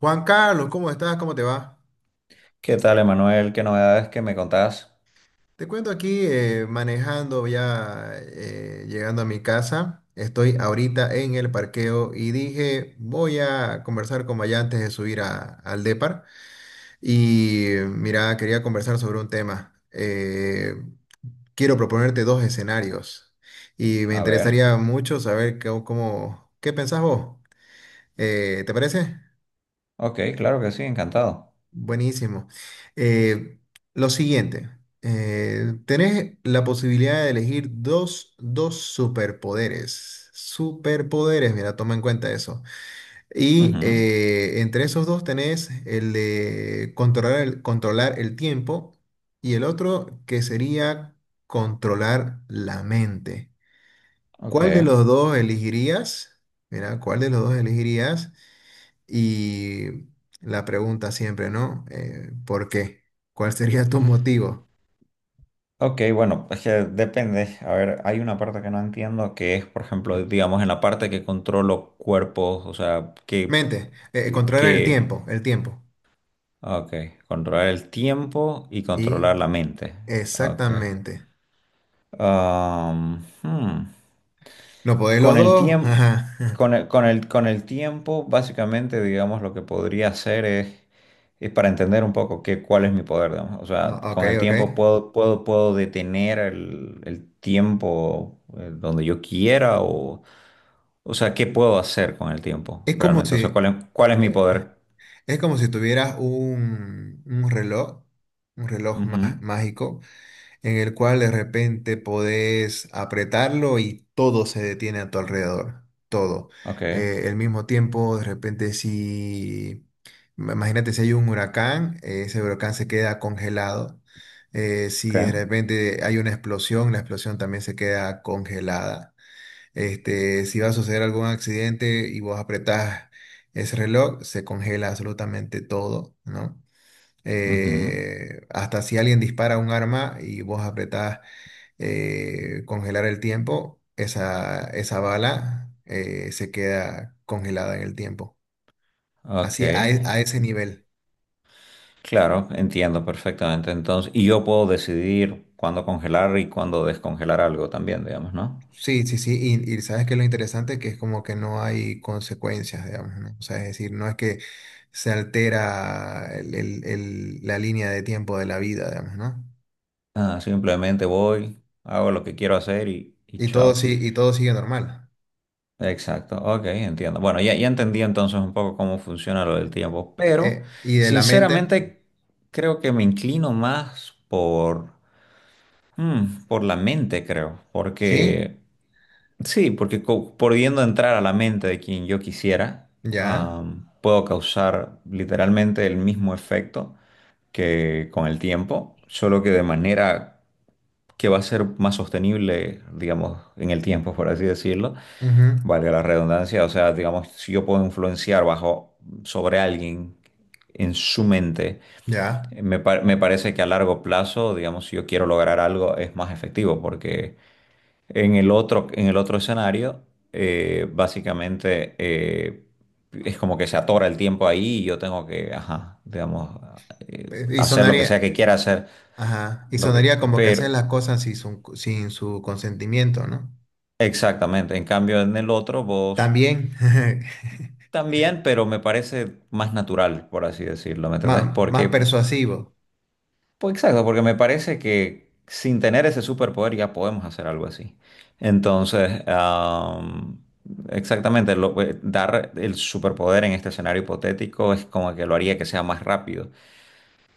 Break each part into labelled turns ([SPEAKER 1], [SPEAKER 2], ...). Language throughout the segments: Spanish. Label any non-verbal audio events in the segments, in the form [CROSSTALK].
[SPEAKER 1] Juan Carlos, ¿cómo estás? ¿Cómo te va?
[SPEAKER 2] ¿Qué tal, Emanuel? ¿Qué novedades que me contás?
[SPEAKER 1] Te cuento aquí manejando ya, llegando a mi casa. Estoy ahorita en el parqueo y dije, voy a conversar con Maya antes de al Depar. Y mira, quería conversar sobre un tema. Quiero proponerte dos escenarios y me
[SPEAKER 2] A ver.
[SPEAKER 1] interesaría mucho saber qué pensás vos. ¿Te parece?
[SPEAKER 2] Ok, claro que sí, encantado.
[SPEAKER 1] Buenísimo. Eh, lo siguiente, tenés la posibilidad de elegir dos superpoderes. Superpoderes, mira, toma en cuenta eso. Y
[SPEAKER 2] Ujú.
[SPEAKER 1] entre esos dos tenés el de controlar el tiempo y el otro que sería controlar la mente.
[SPEAKER 2] Ok.
[SPEAKER 1] ¿Cuál de los dos elegirías? Mira, ¿cuál de los dos elegirías? Y la pregunta siempre, ¿no? ¿Por qué? ¿Cuál sería tu motivo?
[SPEAKER 2] Ok, bueno, es que depende. A ver, hay una parte que no entiendo que es, por ejemplo, digamos, en la parte que controlo cuerpos, o sea,
[SPEAKER 1] Mente, controlar el
[SPEAKER 2] que,
[SPEAKER 1] tiempo, el tiempo.
[SPEAKER 2] ok, controlar el tiempo y
[SPEAKER 1] Y
[SPEAKER 2] controlar la mente. Ok.
[SPEAKER 1] exactamente.
[SPEAKER 2] Ah, hmm.
[SPEAKER 1] ¿No podéis los
[SPEAKER 2] Con el
[SPEAKER 1] dos? [LAUGHS]
[SPEAKER 2] tiempo,
[SPEAKER 1] Ajá.
[SPEAKER 2] con el tiempo, básicamente, digamos, lo que podría hacer es para entender un poco qué, cuál es mi poder, digamos. O sea,
[SPEAKER 1] Ah, ok,
[SPEAKER 2] con el
[SPEAKER 1] ok.
[SPEAKER 2] tiempo puedo, puedo detener el tiempo donde yo quiera o sea, ¿qué puedo hacer con el tiempo
[SPEAKER 1] Es como
[SPEAKER 2] realmente? O sea,
[SPEAKER 1] si,
[SPEAKER 2] cuál es mi
[SPEAKER 1] eh,
[SPEAKER 2] poder?
[SPEAKER 1] es como si tuvieras un reloj, un
[SPEAKER 2] Ujú.
[SPEAKER 1] mágico, en el cual de repente podés apretarlo y todo se detiene a tu alrededor, todo.
[SPEAKER 2] Ok,
[SPEAKER 1] El mismo tiempo, de repente, imagínate si hay un huracán, ese huracán se queda congelado.
[SPEAKER 2] ok.
[SPEAKER 1] Si de repente hay una explosión, la explosión también se queda congelada. Este, si va a suceder algún accidente y vos apretás ese reloj, se congela absolutamente todo, ¿no?
[SPEAKER 2] Ujú.
[SPEAKER 1] Hasta si alguien dispara un arma y vos apretás congelar el tiempo, esa bala se queda congelada en el tiempo.
[SPEAKER 2] Ok.
[SPEAKER 1] Así, a ese nivel.
[SPEAKER 2] Claro, entiendo perfectamente. Entonces, y yo puedo decidir cuándo congelar y cuándo descongelar algo también, digamos, ¿no?
[SPEAKER 1] Sí, sí, sí. Y sabes que lo interesante que es como que no hay consecuencias, digamos, ¿no? O sea, es decir, no es que se altera la línea de tiempo de la vida, digamos, ¿no?
[SPEAKER 2] Ah, simplemente voy, hago lo que quiero hacer y
[SPEAKER 1] Y todo,
[SPEAKER 2] chao.
[SPEAKER 1] sí, y todo sigue normal.
[SPEAKER 2] Exacto, ok, entiendo. Bueno, ya entendí entonces un poco cómo funciona lo del tiempo, pero
[SPEAKER 1] Y de la mente,
[SPEAKER 2] sinceramente creo que me inclino más por, mm, por la mente, creo,
[SPEAKER 1] sí,
[SPEAKER 2] porque sí, porque pudiendo entrar a la mente de quien yo quisiera,
[SPEAKER 1] ya.
[SPEAKER 2] puedo causar literalmente el mismo efecto que con el tiempo, solo que de manera que va a ser más sostenible, digamos, en el tiempo, por así decirlo,
[SPEAKER 1] Ujú.
[SPEAKER 2] valga la redundancia. O sea, digamos, si yo puedo influenciar bajo sobre alguien en su mente,
[SPEAKER 1] Ya.
[SPEAKER 2] me parece que a largo plazo, digamos, si yo quiero lograr algo, es más efectivo porque en el otro escenario, básicamente es como que se atora el tiempo ahí y yo tengo que, ajá, digamos,
[SPEAKER 1] Eh, Y
[SPEAKER 2] hacer lo que
[SPEAKER 1] sonaría,
[SPEAKER 2] sea que quiera hacer.
[SPEAKER 1] ajá, y
[SPEAKER 2] Lo que,
[SPEAKER 1] sonaría como que
[SPEAKER 2] pero,
[SPEAKER 1] hacer las cosas sin su consentimiento, ¿no?
[SPEAKER 2] exactamente, en cambio en el otro vos
[SPEAKER 1] También, [LAUGHS]
[SPEAKER 2] también, pero me parece más natural, por así decirlo, ¿me entendés?
[SPEAKER 1] más,
[SPEAKER 2] Porque
[SPEAKER 1] persuasivo.
[SPEAKER 2] pues exacto, porque me parece que sin tener ese superpoder ya podemos hacer algo así. Entonces, exactamente, dar el superpoder en este escenario hipotético es como que lo haría que sea más rápido.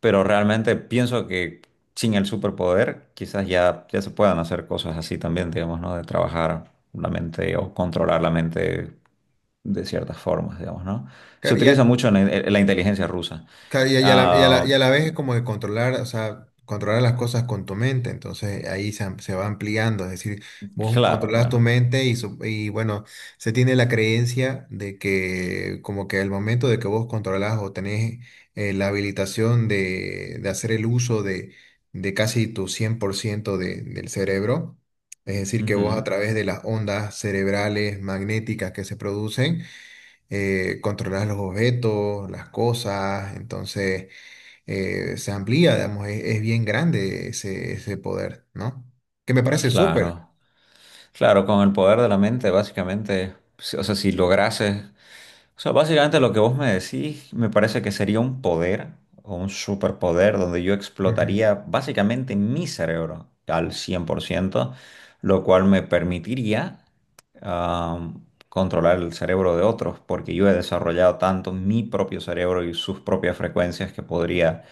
[SPEAKER 2] Pero realmente pienso que sin el superpoder quizás ya, ya se puedan hacer cosas así también, digamos, ¿no? De trabajar la mente o controlar la mente de ciertas formas, digamos, ¿no? Se
[SPEAKER 1] Claro, y
[SPEAKER 2] utiliza
[SPEAKER 1] a-
[SPEAKER 2] mucho en la inteligencia rusa.
[SPEAKER 1] Claro,
[SPEAKER 2] Ah,
[SPEAKER 1] y a la vez es como de controlar, o sea, controlar las cosas con tu mente, entonces se va ampliando, es decir, vos
[SPEAKER 2] claro,
[SPEAKER 1] controlas tu
[SPEAKER 2] bueno.
[SPEAKER 1] mente y bueno, se tiene la creencia de que como que al momento de que vos controlás o tenés la habilitación de hacer el uso de casi tu 100% del cerebro, es decir, que vos a
[SPEAKER 2] Ujú.
[SPEAKER 1] través de las ondas cerebrales magnéticas que se producen, controlas los objetos, las cosas, entonces se amplía, digamos, es bien grande ese poder, ¿no? Que me parece súper.
[SPEAKER 2] Claro, claro, con el poder de la mente, básicamente, o sea, si lograses, o sea, básicamente lo que vos me decís, me parece que sería un poder o un superpoder donde yo
[SPEAKER 1] Ujú.
[SPEAKER 2] explotaría básicamente mi cerebro al 100%, lo cual me permitiría am, controlar el cerebro de otros, porque yo he desarrollado tanto mi propio cerebro y sus propias frecuencias que podría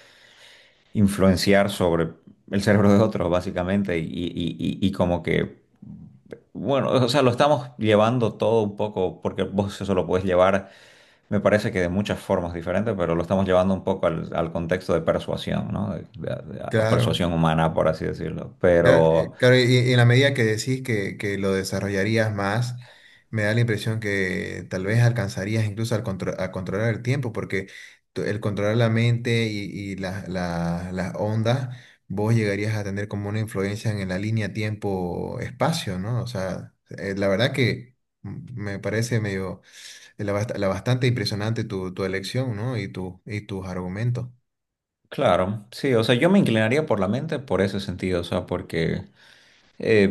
[SPEAKER 2] influenciar sobre el cerebro de otros, básicamente, y como que, bueno, o sea, lo estamos llevando todo un poco, porque vos eso lo puedes llevar, me parece que de muchas formas diferentes, pero lo estamos llevando un poco al, al contexto de persuasión, ¿no? A
[SPEAKER 1] Claro.
[SPEAKER 2] persuasión humana, por así decirlo.
[SPEAKER 1] Claro,
[SPEAKER 2] Pero,
[SPEAKER 1] claro, y en la medida que decís que lo desarrollarías más, me da la impresión que tal vez alcanzarías incluso a controlar el tiempo, porque el controlar la mente y las ondas, vos llegarías a tener como una influencia en la línea tiempo-espacio, ¿no? O sea, la verdad que me parece medio, la bastante impresionante tu, tu elección, ¿no? Y, tu, y tus argumentos.
[SPEAKER 2] claro, sí, o sea, yo me inclinaría por la mente por ese sentido, o sea, porque... eh,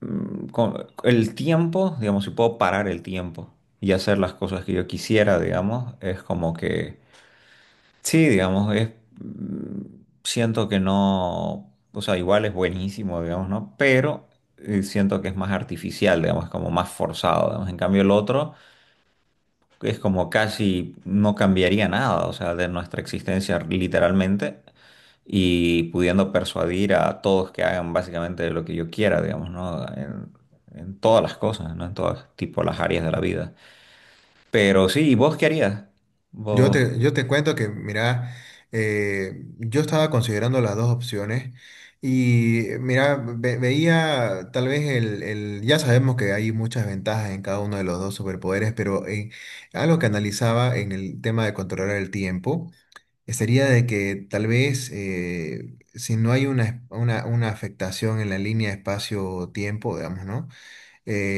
[SPEAKER 2] mm, con el tiempo, digamos, si puedo parar el tiempo y hacer las cosas que yo quisiera, digamos, es como que, sí, digamos, es, mm, siento que no, o sea, igual es buenísimo, digamos, ¿no? Pero siento que es más artificial, digamos, es como más forzado, digamos. En cambio, el otro es como casi no cambiaría nada, o sea, de nuestra existencia literalmente y pudiendo persuadir a todos que hagan básicamente lo que yo quiera, digamos, ¿no? En todas las cosas, ¿no? En todas tipo las áreas de la vida. Pero sí, ¿y vos qué harías? Vos...
[SPEAKER 1] Yo te cuento que, mira, yo estaba considerando las dos opciones y, mira, veía tal vez ya sabemos que hay muchas ventajas en cada uno de los dos superpoderes, pero algo que analizaba en el tema de controlar el tiempo sería de que tal vez si no hay una afectación en la línea espacio-tiempo, digamos, ¿no?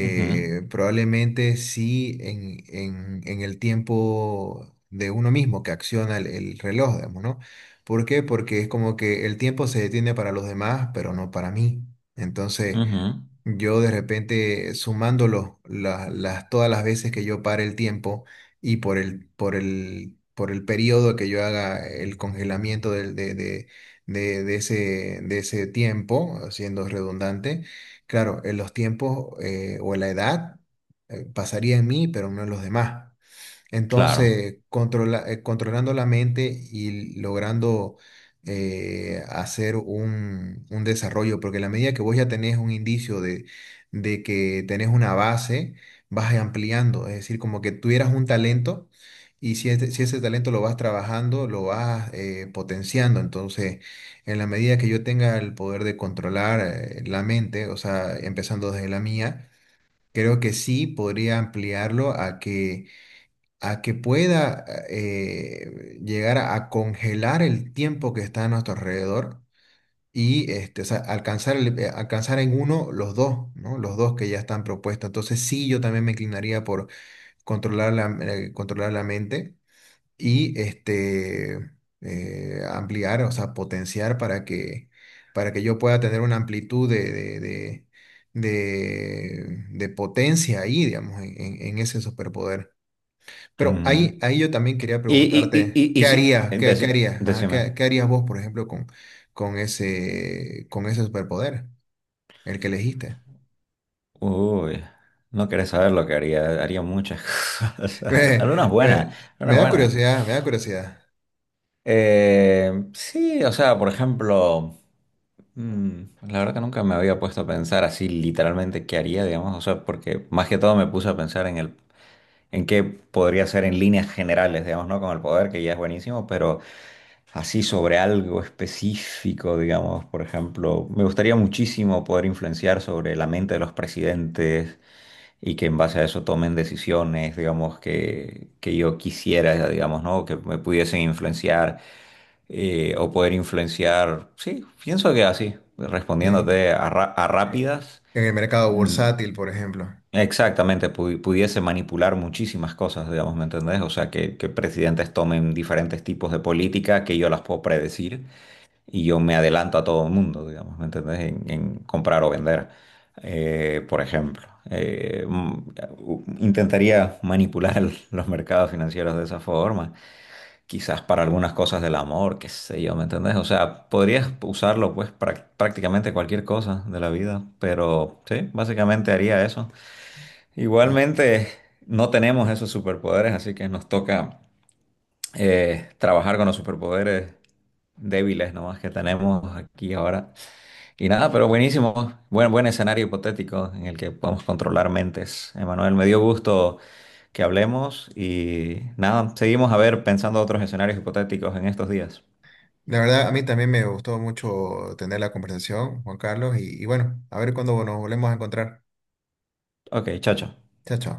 [SPEAKER 2] Ujú,
[SPEAKER 1] probablemente sí en el tiempo de uno mismo que acciona el reloj, digamos, ¿no? ¿Por qué? Porque es como que el tiempo se detiene para los demás, pero no para mí. Entonces,
[SPEAKER 2] ujú,
[SPEAKER 1] yo de repente las, todas las veces que yo pare el tiempo y por por el periodo que yo haga el congelamiento de ese tiempo, siendo redundante, claro, en los tiempos o en la edad pasaría en mí, pero no en los demás.
[SPEAKER 2] claro.
[SPEAKER 1] Entonces, controlando la mente y logrando hacer un desarrollo, porque en la medida que vos ya tenés un indicio de que tenés una base, vas ampliando, es decir, como que tuvieras un talento si ese talento lo vas trabajando, lo vas potenciando. Entonces, en la medida que yo tenga el poder de controlar la mente, o sea, empezando desde la mía, creo que sí podría ampliarlo a que pueda llegar a congelar el tiempo que está a nuestro alrededor y este, o sea, alcanzar en uno los dos, ¿no? Los dos que ya están propuestos. Entonces sí, yo también me inclinaría por controlar controlar la mente y este, ampliar, o sea, potenciar para que yo pueda tener una amplitud de potencia ahí, digamos, en ese superpoder. Pero
[SPEAKER 2] Ujú.
[SPEAKER 1] ahí, ahí yo también quería
[SPEAKER 2] Y, y, y,
[SPEAKER 1] preguntarte,
[SPEAKER 2] y, y
[SPEAKER 1] ¿qué
[SPEAKER 2] sí,
[SPEAKER 1] harías? ¿Qué, qué harías? Ajá,
[SPEAKER 2] decime.
[SPEAKER 1] ¿qué harías vos, por ejemplo, con ese superpoder, el que elegiste?
[SPEAKER 2] Uy, no querés saber lo que haría. Haría muchas [LAUGHS]
[SPEAKER 1] [LAUGHS]
[SPEAKER 2] cosas.
[SPEAKER 1] Me,
[SPEAKER 2] Algunas
[SPEAKER 1] me-
[SPEAKER 2] buenas,
[SPEAKER 1] me
[SPEAKER 2] algunas
[SPEAKER 1] da
[SPEAKER 2] buenas.
[SPEAKER 1] curiosidad, me da curiosidad.
[SPEAKER 2] Sí, o sea, por ejemplo... Mm, la verdad que nunca me había puesto a pensar así literalmente qué haría, digamos, o sea, porque más que todo me puse a pensar en el, en qué podría ser en líneas generales, digamos, ¿no? Con el poder, que ya es buenísimo, pero así sobre algo específico, digamos, por ejemplo, me gustaría muchísimo poder influenciar sobre la mente de los presidentes y que en base a eso tomen decisiones, digamos, que yo quisiera, digamos, ¿no? Que me pudiesen influenciar o poder influenciar. Sí, pienso que así,
[SPEAKER 1] Eh,
[SPEAKER 2] respondiéndote a
[SPEAKER 1] eh,
[SPEAKER 2] rápidas,
[SPEAKER 1] En el mercado
[SPEAKER 2] mm,
[SPEAKER 1] bursátil, por ejemplo.
[SPEAKER 2] exactamente, pudiese manipular muchísimas cosas, digamos, ¿me entendés? O sea, que presidentes tomen diferentes tipos de política que yo las puedo predecir y yo me adelanto a todo el mundo, digamos, ¿me entendés? En comprar o vender, por ejemplo. Intentaría manipular [LAUGHS] los mercados financieros de esa forma quizás para algunas cosas del amor, qué sé yo, ¿me entendés? O sea, podrías usarlo pues para prácticamente cualquier cosa de la vida, pero sí, básicamente haría eso.
[SPEAKER 1] ¿No?
[SPEAKER 2] Igualmente, no tenemos esos superpoderes, así que nos toca trabajar con los superpoderes débiles nomás que tenemos aquí ahora. Y nada, pero buenísimo. Buen escenario hipotético en el que podemos controlar mentes. Emanuel, me dio gusto que hablemos y nada, seguimos a ver pensando otros escenarios hipotéticos en estos días.
[SPEAKER 1] La verdad, a mí también me gustó mucho tener la conversación, Juan Carlos, y bueno, a ver cuándo nos volvemos a encontrar.
[SPEAKER 2] Ok, chao, chao.
[SPEAKER 1] Chao, chao.